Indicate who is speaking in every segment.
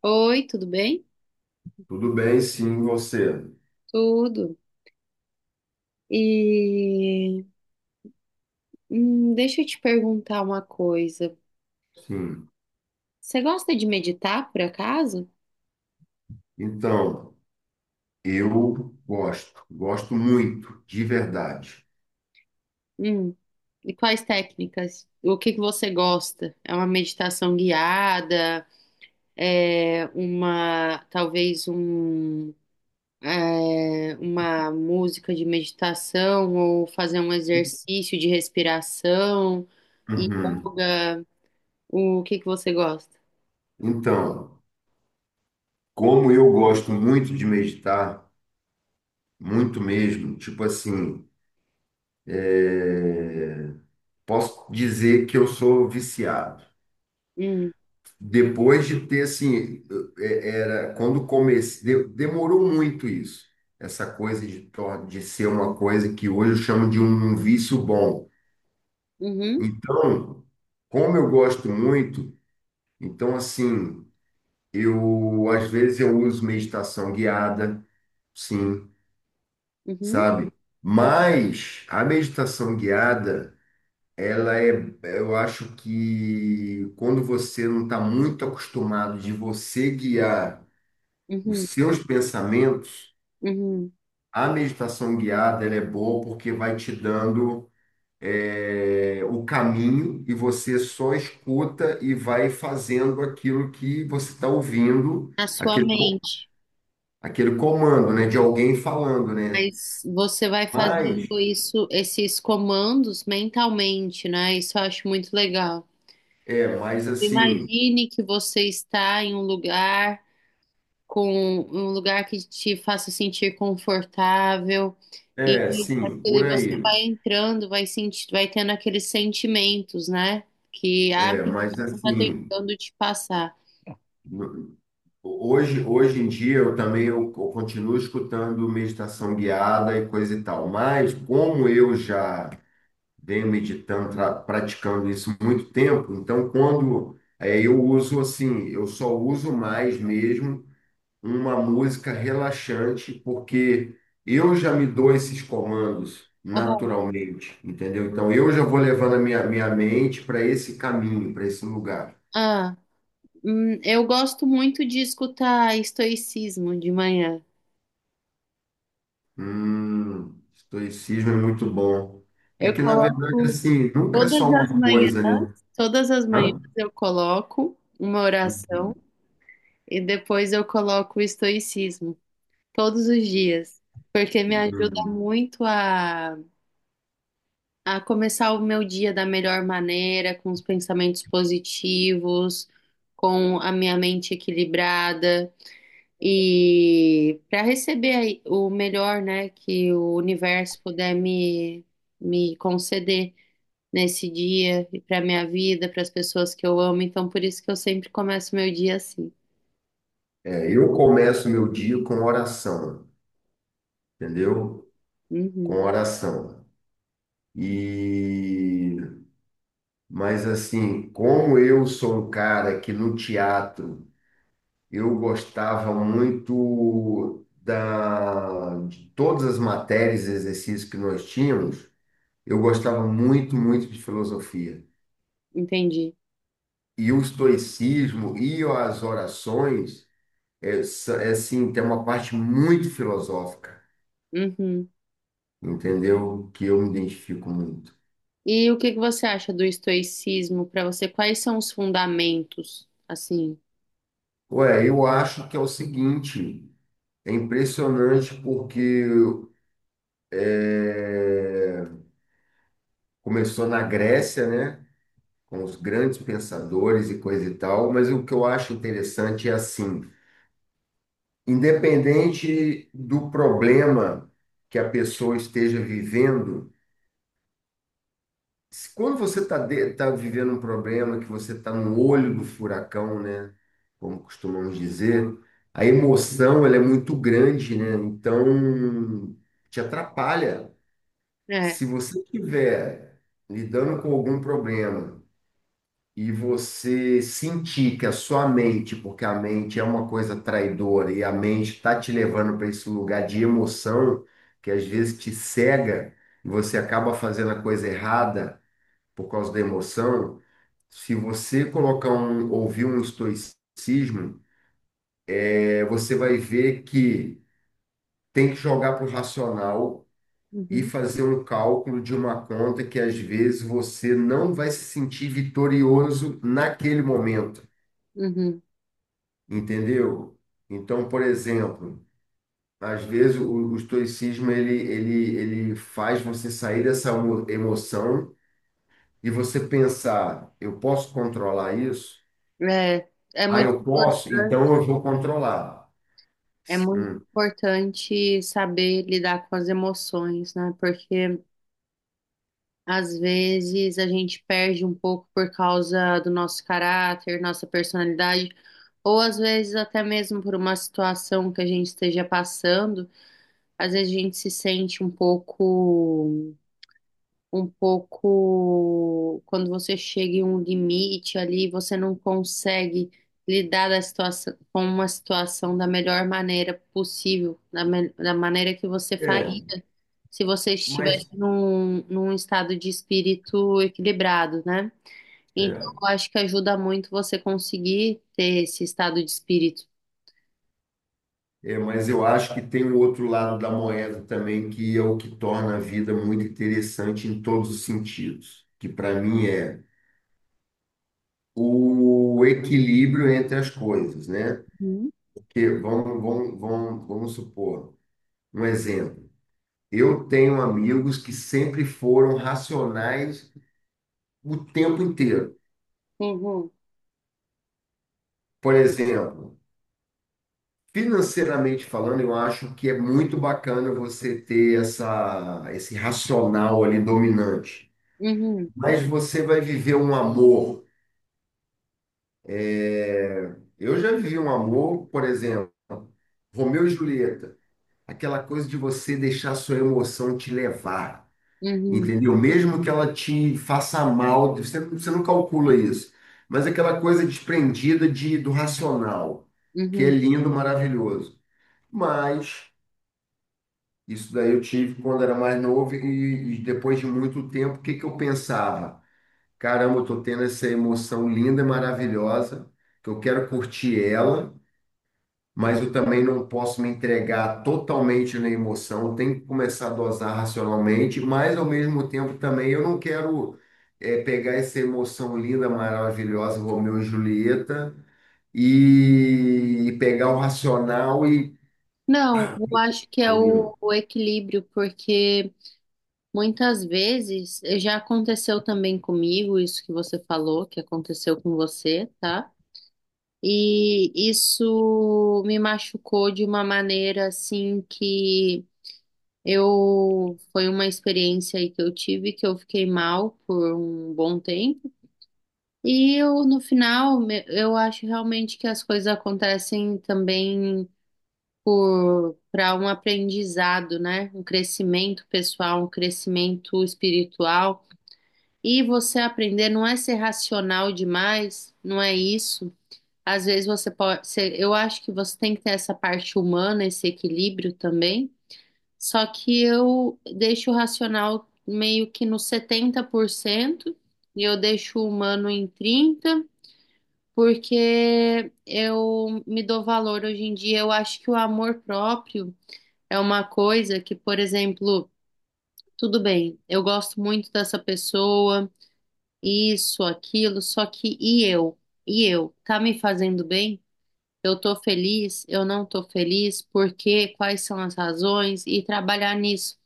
Speaker 1: Oi, tudo bem?
Speaker 2: Tudo bem, sim, você.
Speaker 1: Tudo. E deixa eu te perguntar uma coisa.
Speaker 2: Sim.
Speaker 1: Você gosta de meditar, por acaso?
Speaker 2: Então, eu gosto, gosto muito, de verdade.
Speaker 1: Hum. E quais técnicas? O que você gosta? É uma meditação guiada? É uma, talvez um, é, Uma música de meditação ou fazer um exercício de respiração,
Speaker 2: Uhum.
Speaker 1: yoga? O que você gosta?
Speaker 2: Então, como eu gosto muito de meditar, muito mesmo, tipo assim, é, posso dizer que eu sou viciado.
Speaker 1: Hum.
Speaker 2: Depois de ter, assim, era quando comecei, demorou muito isso, essa coisa de, de ser uma coisa que hoje eu chamo de um vício bom.
Speaker 1: Uhum.
Speaker 2: Então, como eu gosto muito, então assim, eu às vezes eu uso meditação guiada, sim,
Speaker 1: Uhum.
Speaker 2: sabe? Mas a meditação guiada, ela é, eu acho que quando você não está muito acostumado de você guiar os
Speaker 1: Uhum,
Speaker 2: seus pensamentos,
Speaker 1: uhum.
Speaker 2: a meditação guiada ela é boa porque vai te dando o caminho e você só escuta e vai fazendo aquilo que você está ouvindo,
Speaker 1: Na sua mente.
Speaker 2: aquele comando, né, de alguém falando, né?
Speaker 1: Mas você vai
Speaker 2: Mas,
Speaker 1: fazendo isso, esses comandos mentalmente, né? Isso eu acho muito legal.
Speaker 2: mas assim,
Speaker 1: Imagine que você está em um lugar com um lugar que te faça sentir confortável e
Speaker 2: é, sim, por
Speaker 1: aquele você
Speaker 2: aí,
Speaker 1: vai entrando, vai sentir, vai tendo aqueles sentimentos, né? Que a
Speaker 2: é,
Speaker 1: pessoa
Speaker 2: mas
Speaker 1: está
Speaker 2: assim,
Speaker 1: tentando te passar.
Speaker 2: no- hoje, hoje em dia eu também eu continuo escutando meditação guiada e coisa e tal, mas como eu já venho meditando, praticando isso há muito tempo. Então, eu uso assim, eu só uso mais mesmo uma música relaxante, porque eu já me dou esses comandos
Speaker 1: Aham.
Speaker 2: naturalmente, entendeu? Então, eu já vou levando a minha mente para esse caminho, para esse lugar.
Speaker 1: Ah. Eu gosto muito de escutar estoicismo de manhã.
Speaker 2: Estoicismo é muito bom. É
Speaker 1: Eu
Speaker 2: que, na verdade,
Speaker 1: coloco
Speaker 2: assim, nunca é
Speaker 1: todas
Speaker 2: só
Speaker 1: as
Speaker 2: uma
Speaker 1: manhãs,
Speaker 2: coisa, né?
Speaker 1: todas as manhãs
Speaker 2: Hã?
Speaker 1: eu coloco uma oração
Speaker 2: Uhum,
Speaker 1: e depois eu coloco o estoicismo todos os dias, porque me ajuda
Speaker 2: uhum.
Speaker 1: muito a começar o meu dia da melhor maneira, com os pensamentos positivos, com a minha mente equilibrada. E para receber aí o melhor, né, que o universo puder me, me conceder nesse dia e para minha vida, para as pessoas que eu amo. Então, por isso que eu sempre começo meu dia assim.
Speaker 2: É, eu começo meu dia com oração. Entendeu?
Speaker 1: Uhum,
Speaker 2: Com oração. E mas assim, como eu sou um cara que no teatro eu gostava muito da de todas as matérias e exercícios que nós tínhamos, eu gostava muito, muito de filosofia.
Speaker 1: entendi.
Speaker 2: E o estoicismo e as orações assim, tem uma parte muito filosófica,
Speaker 1: Uhum.
Speaker 2: entendeu? Que eu me identifico muito.
Speaker 1: E o que você acha do estoicismo para você? Quais são os fundamentos, assim?
Speaker 2: Ué, eu acho que é o seguinte, é impressionante porque é, começou na Grécia, né, com os grandes pensadores e coisa e tal, mas o que eu acho interessante é assim, independente do problema que a pessoa esteja vivendo, quando você está tá vivendo um problema, que você está no olho do furacão, né, como costumamos dizer, a emoção ela é muito grande, né, então te atrapalha.
Speaker 1: É.
Speaker 2: Se você estiver lidando com algum problema e você sentir que a sua mente, porque a mente é uma coisa traidora e a mente está te levando para esse lugar de emoção, que às vezes te cega e você acaba fazendo a coisa errada por causa da emoção, se você colocar um, ouvir um estoicismo, você vai ver que tem que jogar para o racional e
Speaker 1: Uhum.
Speaker 2: fazer um cálculo de uma conta que às vezes você não vai se sentir vitorioso naquele momento,
Speaker 1: Uhum.
Speaker 2: entendeu? Então, por exemplo, às vezes o estoicismo ele faz você sair dessa emoção e você pensar, eu posso controlar isso?
Speaker 1: É, é
Speaker 2: Ah,
Speaker 1: muito
Speaker 2: eu posso, então
Speaker 1: importante,
Speaker 2: eu vou controlar.
Speaker 1: é muito
Speaker 2: Hum.
Speaker 1: importante saber lidar com as emoções, né? Porque às vezes a gente perde um pouco por causa do nosso caráter, nossa personalidade, ou às vezes até mesmo por uma situação que a gente esteja passando, às vezes a gente se sente um pouco, quando você chega em um limite ali, você não consegue lidar da situação, com uma situação da melhor maneira possível, da maneira que você
Speaker 2: É,
Speaker 1: faria se você estivesse
Speaker 2: mas
Speaker 1: num estado de espírito equilibrado, né? Então,
Speaker 2: é.
Speaker 1: eu acho que ajuda muito você conseguir ter esse estado de espírito.
Speaker 2: É, mas eu acho que tem o outro lado da moeda também, que é o que torna a vida muito interessante em todos os sentidos, que para mim é o equilíbrio entre as coisas, né?
Speaker 1: Uhum.
Speaker 2: Porque vamos supor, um exemplo. Eu tenho amigos que sempre foram racionais o tempo inteiro.
Speaker 1: Uhum.
Speaker 2: Por exemplo, financeiramente falando, eu acho que é muito bacana você ter esse racional ali dominante.
Speaker 1: Uhum.
Speaker 2: Mas você vai viver um amor. Eu já vivi um amor, por exemplo, Romeu e Julieta, aquela coisa de você deixar a sua emoção te levar,
Speaker 1: Uhum.
Speaker 2: entendeu? Mesmo que ela te faça mal, você não calcula isso, mas aquela coisa desprendida de, do racional, que é
Speaker 1: Uhum.
Speaker 2: lindo, maravilhoso. Mas isso daí eu tive quando era mais novo e depois de muito tempo, o que que eu pensava? Caramba, eu tô tendo essa emoção linda e maravilhosa, que eu quero curtir ela, mas eu também não posso me entregar totalmente na emoção, eu tenho que começar a dosar racionalmente, mas ao mesmo tempo também eu não quero pegar essa emoção linda, maravilhosa, Romeu e Julieta, e pegar o racional e.
Speaker 1: Não, eu acho que é
Speaker 2: Entendeu?
Speaker 1: o equilíbrio, porque muitas vezes já aconteceu também comigo, isso que você falou, que aconteceu com você, tá? E isso me machucou de uma maneira assim que eu foi uma experiência aí que eu tive que eu fiquei mal por um bom tempo. E eu no final eu acho realmente que as coisas acontecem também por para um aprendizado, né? Um crescimento pessoal, um crescimento espiritual. E você aprender não é ser racional demais, não é isso. Às vezes você pode ser, eu acho que você tem que ter essa parte humana, esse equilíbrio também. Só que eu deixo o racional meio que no 70% e eu deixo o humano em 30%, porque eu me dou valor hoje em dia. Eu acho que o amor próprio é uma coisa que, por exemplo, tudo bem, eu gosto muito dessa pessoa, isso, aquilo, só que e eu? E eu? Tá me fazendo bem? Eu tô feliz, eu não tô feliz, por quê? Quais são as razões? E trabalhar nisso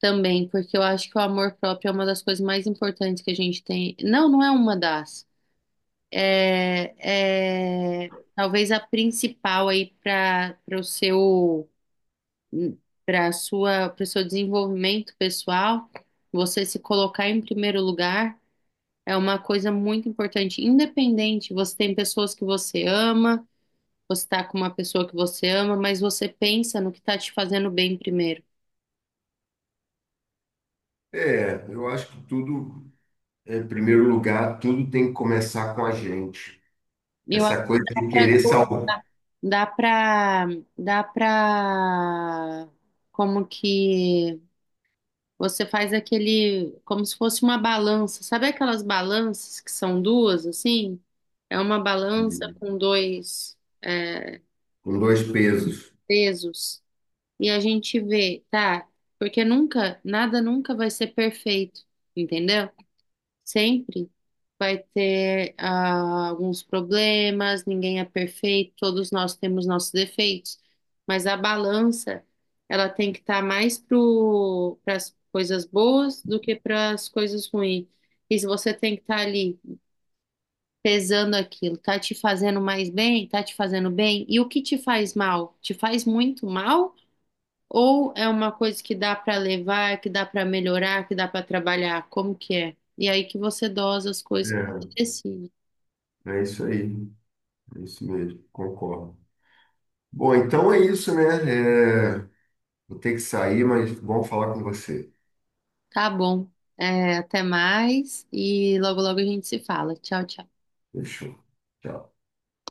Speaker 1: também, porque eu acho que o amor próprio é uma das coisas mais importantes que a gente tem. Não, não é uma das. É, é talvez a principal aí para o seu para o seu desenvolvimento pessoal. Você se colocar em primeiro lugar é uma coisa muito importante. Independente, você tem pessoas que você ama você está com uma pessoa que você ama, mas você pensa no que está te fazendo bem primeiro.
Speaker 2: É, eu acho que tudo, é, em primeiro lugar, tudo tem que começar com a gente.
Speaker 1: Eu acho
Speaker 2: Essa
Speaker 1: que
Speaker 2: coisa de querer salvar.
Speaker 1: dá para dá para como que você faz aquele como se fosse uma balança. Sabe aquelas balanças que são duas assim? É uma balança com dois
Speaker 2: Com dois pesos.
Speaker 1: pesos e a gente vê, tá? Porque nunca, nada nunca vai ser perfeito, entendeu? Sempre vai ter alguns problemas, ninguém é perfeito, todos nós temos nossos defeitos, mas a balança, ela tem que estar mais para as coisas boas do que para as coisas ruins. E se você tem que estar ali pesando aquilo, tá te fazendo mais bem, tá te fazendo bem, e o que te faz mal? Te faz muito mal? Ou é uma coisa que dá para levar, que dá para melhorar, que dá para trabalhar? Como que é? E aí que você dosa as coisas que você decide.
Speaker 2: É, é isso aí, é isso mesmo, concordo. Bom, então é isso, né? É, vou ter que sair, mas bom falar com você.
Speaker 1: Tá bom. É, até mais e logo logo a gente se fala. Tchau, tchau.
Speaker 2: Fechou. Tchau.